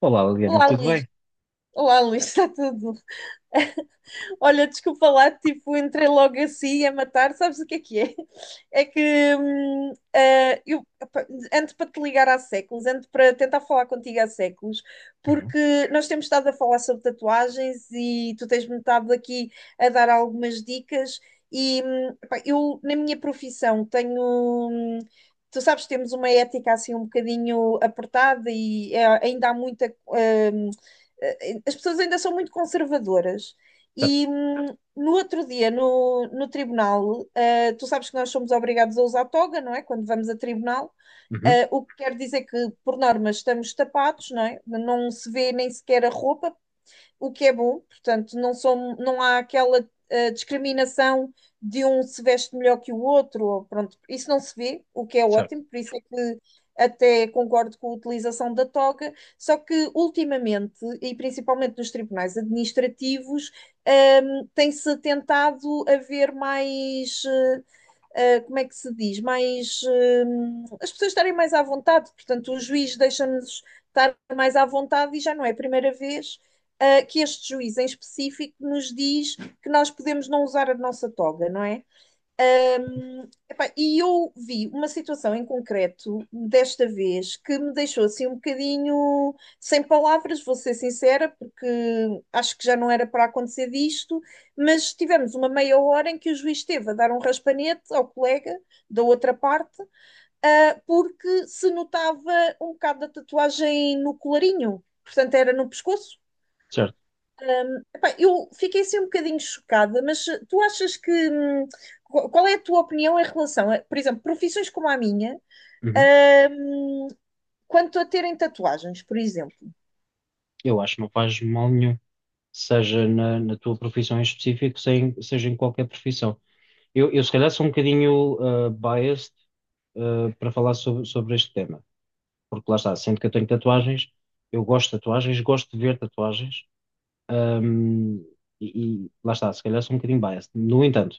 Olá, Liliana, Olá, tudo Luís. bem? Olá, Luís, está tudo? Olha, desculpa lá, tipo, entrei logo assim a matar, sabes o que é que é? É que eu opa, ando para te ligar há séculos, ando para tentar falar contigo há séculos, Uhum. porque nós temos estado a falar sobre tatuagens e tu tens-me estado aqui a dar algumas dicas. E pá, eu, na minha profissão, tenho. Hum, Tu sabes, temos uma ética assim um bocadinho apertada e ainda há as pessoas ainda são muito conservadoras Certo. e no outro dia, no tribunal, tu sabes que nós somos obrigados a usar toga, não é? Quando vamos a tribunal, Uhum. O que quer dizer que, por norma, estamos tapados, não é? Não se vê nem sequer a roupa, o que é bom, portanto, não há aquela discriminação de um se veste melhor que o outro, ou pronto, isso não se vê, o que é Certo. ótimo, por isso é que até concordo com a utilização da toga, só que ultimamente, e principalmente nos tribunais administrativos, tem-se tentado haver como é que se diz, as pessoas estarem mais à vontade, portanto, o juiz deixa-nos estar mais à vontade e já não é a primeira vez que este juiz em específico nos diz que nós podemos não usar a nossa toga, não é? Epá, e eu vi uma situação em concreto, desta vez, que me deixou assim um bocadinho sem palavras, vou ser sincera, porque acho que já não era para acontecer disto, mas tivemos uma meia hora em que o juiz esteve a dar um raspanete ao colega da outra parte, porque se notava um bocado da tatuagem no colarinho, portanto era no pescoço. Certo. Epá, eu fiquei assim um bocadinho chocada, mas tu achas. Qual é a tua opinião em relação a, por exemplo, profissões como a minha, Uhum. hum, quanto a terem tatuagens, por exemplo? Eu acho que não faz mal nenhum, seja na tua profissão em específico, seja em qualquer profissão. Eu se calhar sou um bocadinho biased para falar sobre este tema, porque lá está, sendo que eu tenho tatuagens, eu gosto de tatuagens, gosto de ver tatuagens, ahm, e lá está, se calhar sou um bocadinho biased. No entanto,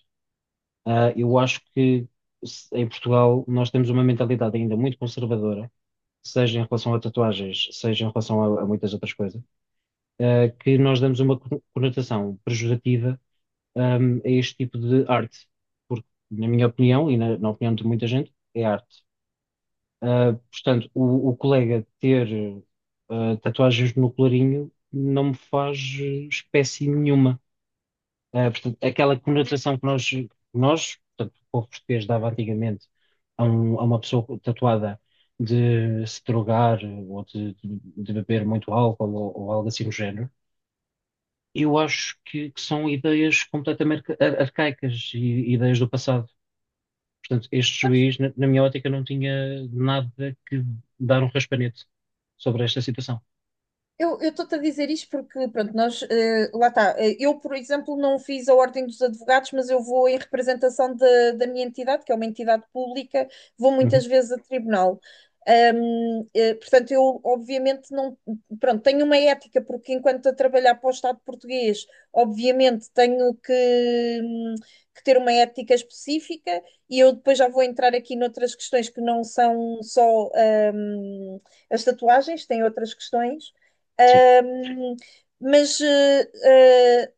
eu acho que em Portugal nós temos uma mentalidade ainda muito conservadora, seja em relação a tatuagens, seja em relação a, muitas outras coisas, que nós damos uma conotação pejorativa a este tipo de arte. Porque, na minha opinião, e na, opinião de muita gente, é arte. Portanto, o colega ter tatuagens no colarinho não me faz espécie nenhuma. Portanto, aquela conotação que nós, portanto, o povo português dava antigamente a uma pessoa tatuada, de se drogar ou de beber muito álcool, ou algo assim do género. Eu acho que, são ideias completamente arcaicas e ideias do passado. Portanto, este juiz, na minha ótica, não tinha nada que dar um raspanete sobre esta situação. Eu estou-te a dizer isto porque, pronto, nós, lá está. Eu, por exemplo, não fiz a Ordem dos Advogados, mas eu vou em representação da minha entidade, que é uma entidade pública. Vou Uhum, muitas vezes a tribunal. Portanto, eu, obviamente, não, pronto, tenho uma ética, porque enquanto a trabalhar para o Estado português, obviamente, tenho que ter uma ética específica, e eu depois já vou entrar aqui noutras questões que não são só, as tatuagens, têm outras questões. sim, Ahm, mas eh, eh,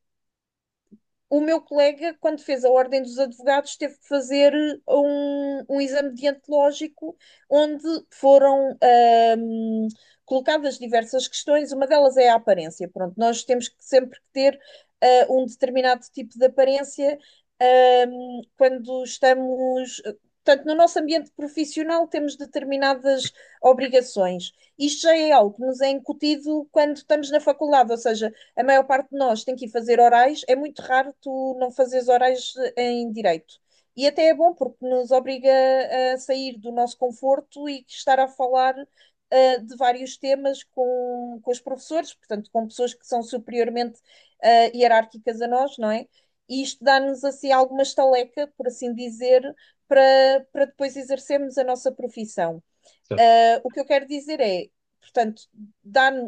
o meu colega, quando fez a Ordem dos Advogados, teve que fazer um exame deontológico onde foram colocadas diversas questões. Uma delas é a aparência. Pronto, nós temos que sempre que ter um determinado tipo de aparência quando estamos. Portanto, no nosso ambiente profissional temos determinadas obrigações. Isto já é algo que nos é incutido quando estamos na faculdade, ou seja, a maior parte de nós tem que ir fazer orais, é muito raro tu não fazeres orais em direito. E até é bom porque nos obriga a sair do nosso conforto e estar a falar de vários temas com os professores, portanto, com pessoas que são superiormente hierárquicas a nós, não é? E isto dá-nos assim alguma estaleca, por assim dizer, para depois exercermos a nossa profissão. certo. O que eu quero dizer é, portanto,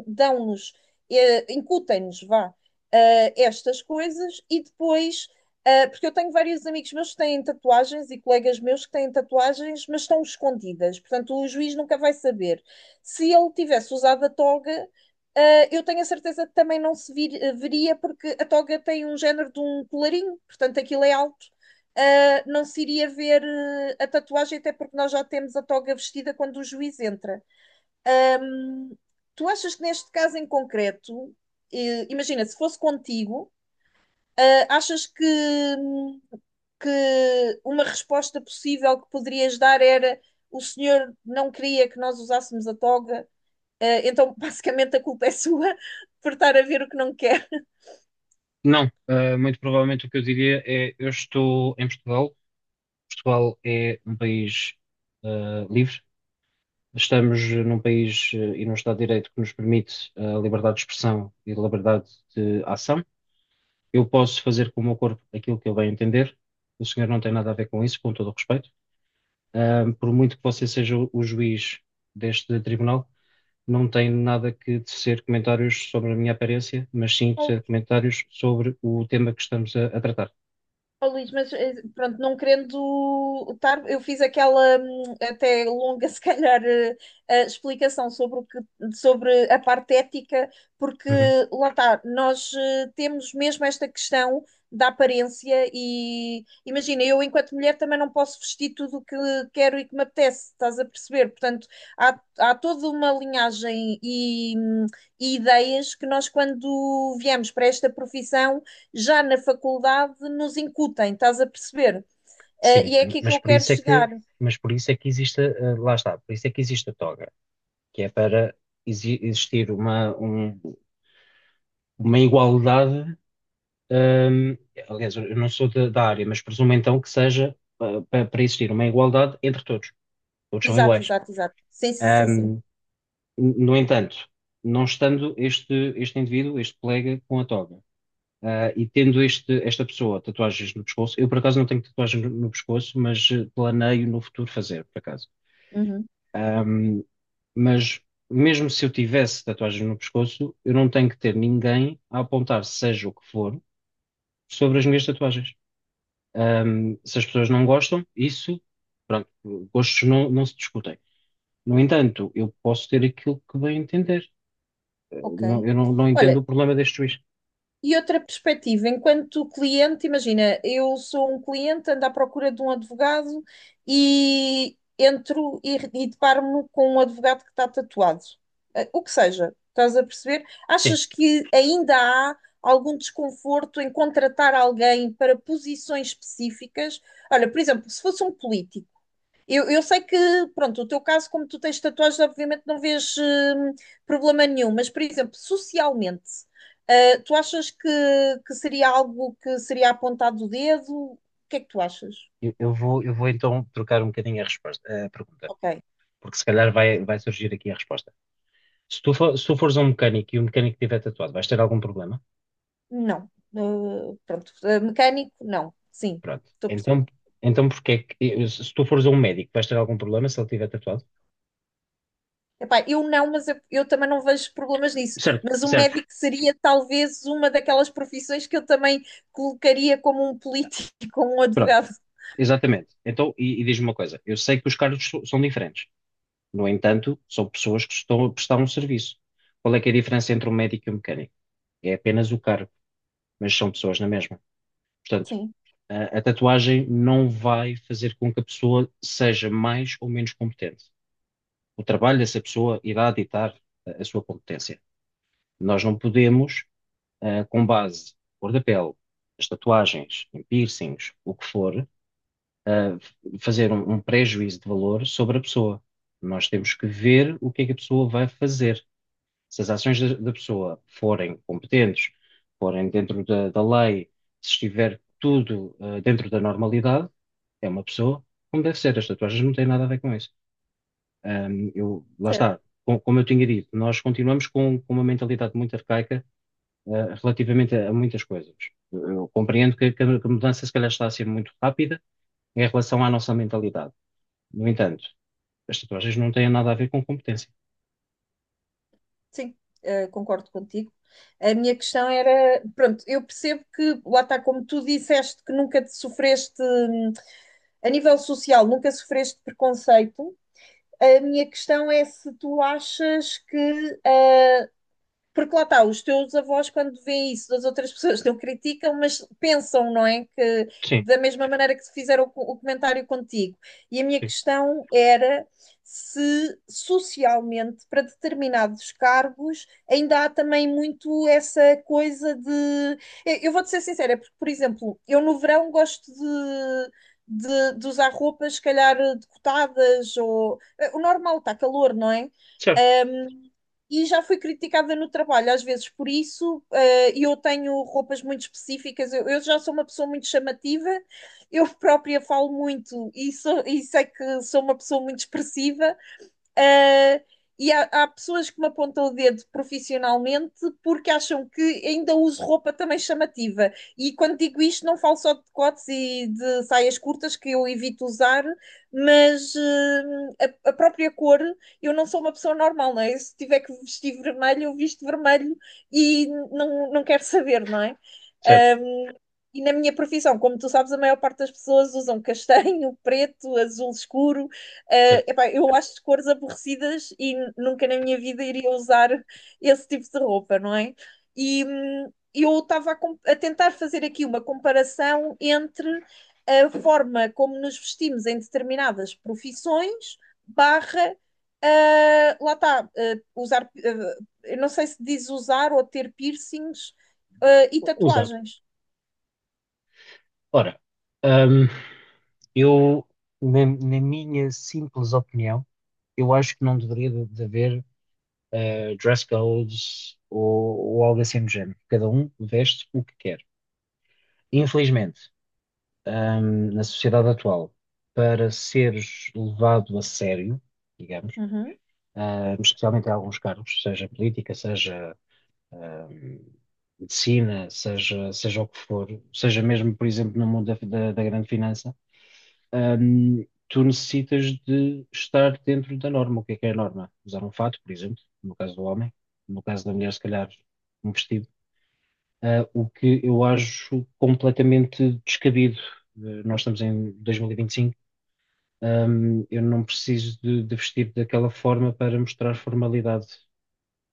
dão-nos, incutem-nos, vá, estas coisas e depois, porque eu tenho vários amigos meus que têm tatuagens e colegas meus que têm tatuagens, mas estão escondidas, portanto, o juiz nunca vai saber. Se ele tivesse usado a toga, eu tenho a certeza que também não se veria, porque a toga tem um género de um colarinho, portanto, aquilo é alto, não se iria ver a tatuagem, até porque nós já temos a toga vestida quando o juiz entra. Ahm, tu achas que neste caso em concreto, imagina, se fosse contigo, achas hum, que uma resposta possível que poderias dar era: o senhor não queria que nós usássemos a toga, então basicamente a culpa é sua por estar a ver o que não quer. Não, muito provavelmente o que eu diria é: eu estou em Portugal. Portugal é um país livre, estamos num país, e num Estado de Direito que nos permite, a liberdade de expressão e liberdade de ação. Eu posso fazer com o meu corpo aquilo que eu bem entender. O senhor não tem nada a ver com isso, com todo o respeito. Por muito que você seja o juiz deste tribunal, não tem nada que tecer comentários sobre a minha aparência, mas sim Ou tecer comentários sobre o tema que estamos a tratar. Oh, Luís, mas pronto, não querendo estar, eu fiz aquela até longa, se calhar, explicação sobre o que, sobre a parte ética, porque Uhum. lá está, nós temos mesmo esta questão da aparência e imagina, eu enquanto mulher também não posso vestir tudo o que quero e que me apetece, estás a perceber? Portanto, há toda uma linhagem e ideias que nós, quando viemos para esta profissão, já na faculdade nos incutem, estás a perceber? Sim, E é aqui que eu quero chegar. Mas por isso é que existe, lá está, por isso é que existe a toga, que é para existir uma, uma igualdade. ehm, Aliás, eu não sou da, área, mas presumo então que seja para existir uma igualdade entre todos. Todos são Exato, iguais. exato, exato. Sim, sim, sim, sim. Ehm, no entanto, não estando este, indivíduo, este colega, com a toga, e tendo esta pessoa tatuagens no pescoço, eu por acaso não tenho tatuagem no pescoço, mas, planeio no futuro fazer, por acaso. Uhum, Ahm, mas mesmo se eu tivesse tatuagens no pescoço, eu não tenho que ter ninguém a apontar, seja o que for, sobre as minhas tatuagens. Se as pessoas não gostam, isso, pronto, gostos não se discutem. No entanto, eu posso ter aquilo que bem entender. Eh, ok. não- eu não entendo Olha, o problema deste juiz. e outra perspectiva, enquanto cliente, imagina, eu sou um cliente, ando à procura de um advogado e entro e deparo-me com um advogado que está tatuado. O que seja, estás a perceber? Sim, Achas que ainda há algum desconforto em contratar alguém para posições específicas? Olha, por exemplo, se fosse um político. Eu sei que, pronto, o teu caso, como tu tens tatuagens, obviamente não vês problema nenhum, mas, por exemplo, socialmente, tu achas que seria algo que seria apontado o dedo? O que é que tu achas? eu vou então trocar um bocadinho a resposta, a pergunta, Ok, porque se calhar vai surgir aqui a resposta. Se tu, for- se tu fores a um mecânico e o mecânico tiver tatuado, vais ter algum problema? não. Ah, pronto, ah, mecânico, não. Sim, Pronto. estou a perceber. Então, porque é que se tu fores a um médico, vais ter algum problema se ele tiver tatuado? Epá, eu não, mas eu também não vejo problemas nisso. Certo, Mas o certo, médico seria talvez uma daquelas profissões que eu também colocaria como um político, como um pronto, advogado. exatamente. Então, e diz-me uma coisa: eu sei que os cargos são diferentes. No entanto, são pessoas que estão a prestar um serviço. Qual é que é a diferença entre um médico e um mecânico? É apenas o cargo, mas são pessoas na mesma. Portanto, Sim. a, tatuagem não vai fazer com que a pessoa seja mais ou menos competente. O trabalho dessa pessoa irá ditar a sua competência. Nós não podemos, com base cor da pele, as tatuagens, em piercings, o que for, ah, fazer um pré-juízo de valor sobre a pessoa. Nós temos que ver o que é que a pessoa vai fazer. Se as ações da da, pessoa forem competentes, forem dentro da lei, se estiver tudo, dentro da normalidade, é uma pessoa como deve ser. As tatuagens não têm nada a ver com isso. Eu, lá está. Como eu tinha dito, nós continuamos com uma mentalidade muito arcaica, relativamente a muitas coisas. Eu compreendo que a mudança se calhar está a ser muito rápida em relação à nossa mentalidade. No entanto, as tatuagens não têm nada a ver com competência. Sim, concordo contigo. A minha questão era, pronto, eu percebo que, lá está, como tu disseste, que nunca te sofreste, a nível social, nunca sofreste preconceito. A minha questão é se tu achas que, porque lá está, os teus avós, quando veem isso das outras pessoas, não criticam, mas pensam, não é? Que Sim, da mesma maneira que fizeram o comentário contigo. E a minha sim. questão era se socialmente, para determinados cargos, ainda há também muito essa coisa de. Eu vou-te ser sincera, é porque, por exemplo, eu no verão gosto de. De usar roupas, se calhar, decotadas, o normal, está calor, não é? Certo, E já fui criticada no trabalho, às vezes por isso, e eu tenho roupas muito específicas, eu já sou uma pessoa muito chamativa, eu própria falo muito e sei que sou uma pessoa muito expressiva. Uh, e há pessoas que me apontam o dedo profissionalmente porque acham que ainda uso roupa também chamativa. E quando digo isto, não falo só de decotes e de saias curtas, que eu evito usar, mas a própria cor. Eu não sou uma pessoa normal, não é? Se tiver que vestir vermelho, eu visto vermelho e não, não quero saber, não é? certo, Um, e na minha profissão, como tu sabes, a maior parte das pessoas usam castanho, preto, azul escuro. Certo. Epá, eu acho cores aborrecidas e nunca na minha vida iria usar esse tipo de roupa, não é? E eu estava a tentar fazer aqui uma comparação entre a forma como nos vestimos em determinadas profissões, barra, lá está, eu não sei se diz usar ou ter piercings, e Usar. tatuagens. Ora, hum, eu, na, minha simples opinião, eu acho que não deveria de, haver, dress codes ou algo assim do género. Cada um veste o que quer. Infelizmente, na sociedade atual, para seres levado a sério, digamos, Uhum. Especialmente em alguns cargos, seja política, seja, ahm, medicina, seja o que for, seja mesmo, por exemplo, no mundo da, da grande finança, tu necessitas de estar dentro da norma. O que é a norma? Usar um fato, por exemplo, no caso do homem, no caso da mulher, se calhar, um vestido. O que eu acho completamente descabido. Nós estamos em 2025. Eu não preciso de, vestir daquela forma para mostrar formalidade.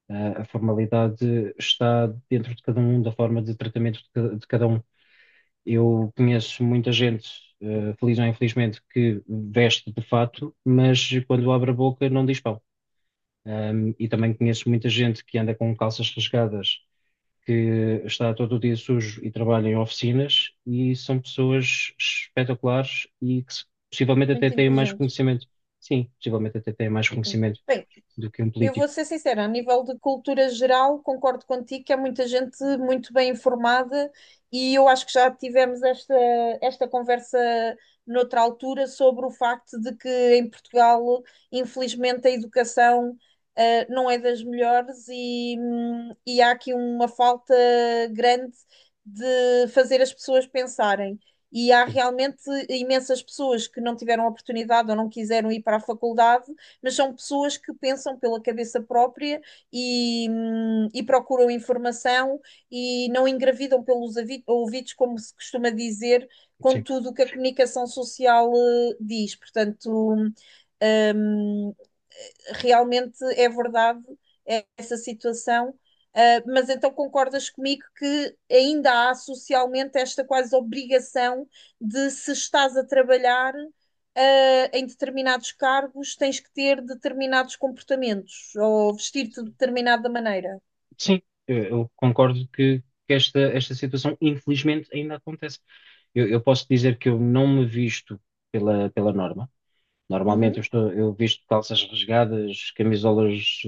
A formalidade está dentro de cada um, da forma de tratamento de de cada um. Eu conheço muita gente, feliz ou infelizmente, que veste de fato, mas quando abre a boca não diz pão. E também conheço muita gente que anda com calças rasgadas, que está todo o dia sujo e trabalha em oficinas, e são pessoas espetaculares e que, possivelmente, até Muito têm mais inteligentes. conhecimento. Sim, possivelmente até têm mais Sim. conhecimento Bem, do que um eu vou político. ser sincera, a nível de cultura geral, concordo contigo que há muita gente muito bem informada e eu acho que já tivemos esta conversa noutra altura sobre o facto de que em Portugal, infelizmente, a educação, não é das melhores e há aqui uma falta grande de fazer as pessoas pensarem. E há Sim, realmente imensas pessoas que não tiveram oportunidade ou não quiseram ir para a faculdade, mas são pessoas que pensam pela cabeça própria e procuram informação e não engravidam pelos ouvidos, como se costuma dizer, com sim. tudo o que a comunicação social diz. Portanto, hum, realmente é verdade essa situação, mas então concordas comigo que ainda há socialmente esta quase obrigação de, se estás a trabalhar em determinados cargos, tens que ter determinados comportamentos ou vestir-te de Sim. determinada maneira. Eu concordo que, esta situação infelizmente ainda acontece. Eu posso dizer que eu não me visto pela norma. Normalmente Uhum. Eu visto calças rasgadas, camisolas,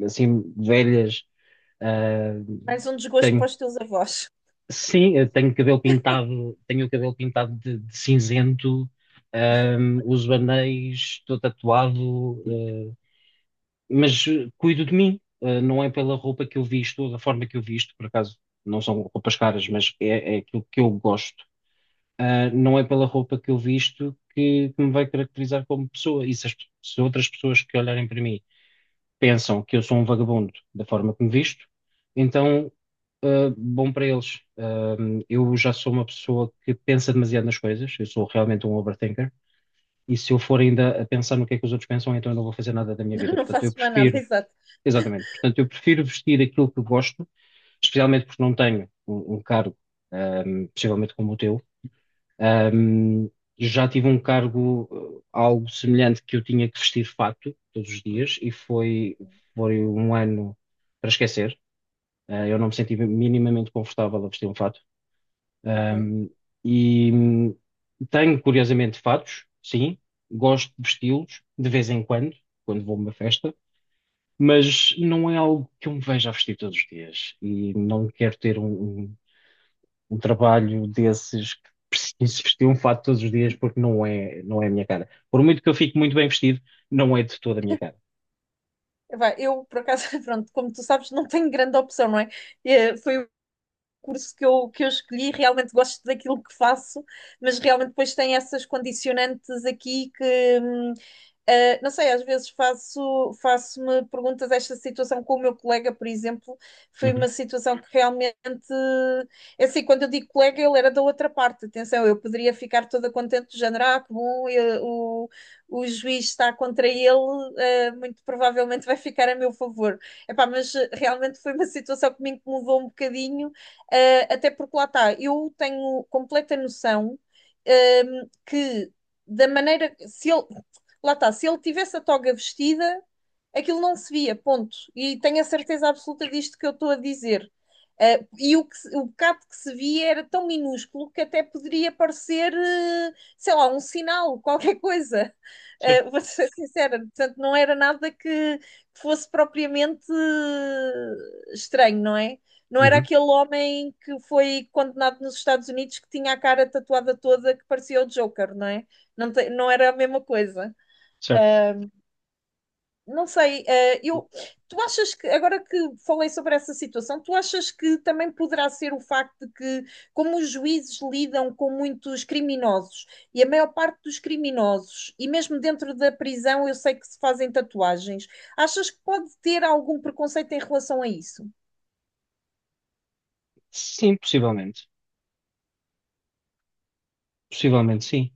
assim velhas. Ah, Mais um desgosto para tenho os teus avós. Sim, eu tenho cabelo pintado, tenho o cabelo pintado de cinzento, Uso anéis, estou tatuado, mas cuido de mim. Não é pela roupa que eu visto, ou da forma que eu visto, por acaso não são roupas caras, mas é aquilo que eu gosto. Não é pela roupa que eu visto que me vai caracterizar como pessoa, e se outras pessoas que olharem para mim pensam que eu sou um vagabundo da forma que me visto, então, bom para eles. Eu já sou uma pessoa que pensa demasiado nas coisas, eu sou realmente um overthinker, e se eu for ainda a pensar no que é que os outros pensam, então eu não vou fazer nada da minha vida. Não Portanto, eu faço mais nada, prefiro, exato. exatamente, portanto, eu prefiro vestir aquilo que gosto, especialmente porque não tenho um, cargo, ah, possivelmente como o teu. Ahm, já tive um cargo, algo semelhante, que eu tinha que vestir fato todos os dias, e foi um ano para esquecer. Eu não me senti minimamente confortável a vestir um fato. Ok. Ahm, e tenho, curiosamente, fatos, sim. Gosto de vesti-los de vez em quando, quando vou a uma festa, mas não é algo que eu me veja a vestir todos os dias, e não quero ter um, um trabalho desses, que preciso vestir um fato todos os dias, porque não é a minha cara. Por muito que eu fique muito bem vestido, não é de toda a minha cara. Vai, eu, por acaso, pronto, como tu sabes, não tenho grande opção, não é? Foi curso que eu escolhi, realmente gosto daquilo que faço, mas realmente depois tem essas condicionantes aqui que, não sei, às vezes faço-me perguntas. Esta situação com o meu colega, por exemplo, foi uma Uhum, situação que realmente. É assim, quando eu digo colega, ele era da outra parte. Atenção, eu poderia ficar toda contente, do género, que bom, o juiz está contra ele, muito provavelmente vai ficar a meu favor. Epá, mas realmente foi uma situação que me incomodou um bocadinho, até porque lá está, eu tenho completa noção, que da maneira, se ele Lá está, se ele tivesse a toga vestida, aquilo não se via, ponto. E tenho a certeza absoluta disto que eu estou a dizer. E o bocado que se via era tão minúsculo que até poderia parecer, sei lá, um sinal, qualquer coisa. certo. Vou ser sincera, portanto, não era nada que fosse propriamente estranho, não é? Não era Uhum, aquele homem que foi condenado nos Estados Unidos que tinha a cara tatuada toda que parecia o Joker, não é? Não, não era a mesma coisa. certo. Não sei, tu achas que, agora que falei sobre essa situação, tu achas que também poderá ser o facto de que, como os juízes lidam com muitos criminosos, e a maior parte dos criminosos, e mesmo dentro da prisão, eu sei que se fazem tatuagens, achas que pode ter algum preconceito em relação a isso? Sim, possivelmente. Possivelmente, sim.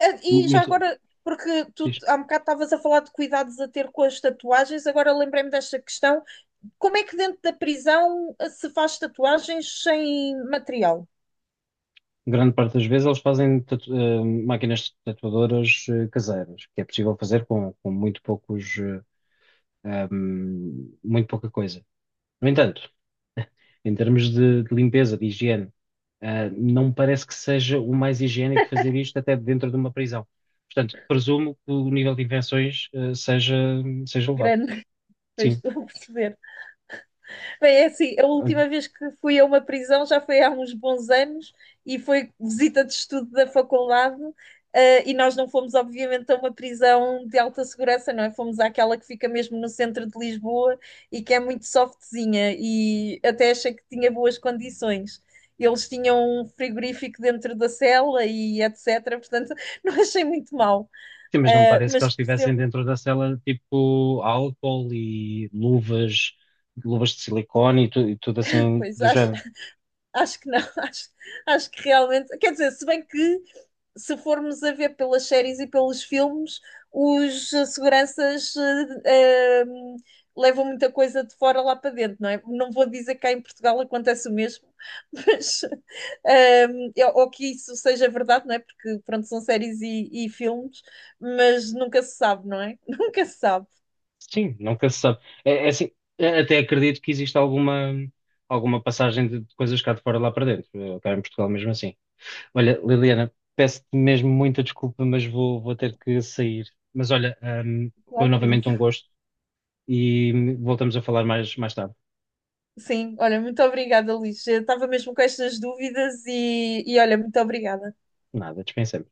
E já Muito, agora, porque tu diz. há um bocado estavas a falar de cuidados a ter com as tatuagens, agora lembrei-me desta questão, como é que dentro da prisão se faz tatuagens sem material? Grande parte das vezes eles fazem máquinas tatuadoras, caseiras, que é possível fazer com, muito poucos, muito pouca coisa. No entanto, em termos de limpeza, de higiene. Não me parece que seja o mais higiênico fazer isto até dentro de uma prisão. Portanto, presumo que o nível de infecções, seja elevado. Grande, mas Sim. estou a perceber. Bem, é assim, a Olha, última vez que fui a uma prisão já foi há uns bons anos e foi visita de estudo da faculdade. E nós não fomos, obviamente, a uma prisão de alta segurança, não é? Fomos àquela que fica mesmo no centro de Lisboa e que é muito softzinha e até achei que tinha boas condições. Eles tinham um frigorífico dentro da cela e etc. Portanto, não achei muito mal. sim, mas não me parece que Mas eles estivessem percebo dentro da cela tipo álcool e luvas, luvas de silicone e, e tudo assim depois, do acho, género. Que não, acho que realmente. Quer dizer, se bem que se formos a ver pelas séries e pelos filmes, os seguranças eh, eh, levam muita coisa de fora lá para dentro, não é? Não vou dizer que cá em Portugal acontece o mesmo, mas eh, ou que isso seja verdade, não é? Porque pronto, são séries e filmes, mas nunca se sabe, não é? Nunca se sabe. Sim, nunca se sabe. É assim, até acredito que exista alguma, passagem de coisas cá de fora lá para dentro, cá em Portugal, mesmo assim. Olha, Liliana, peço-te mesmo muita desculpa, mas vou, ter que sair. Mas olha, hum, foi Claro, Luís. novamente um gosto, e voltamos a falar mais, tarde. Sim, olha, muito obrigada, Luís. Eu estava mesmo com estas dúvidas e olha, muito obrigada. Nada, dispensemos.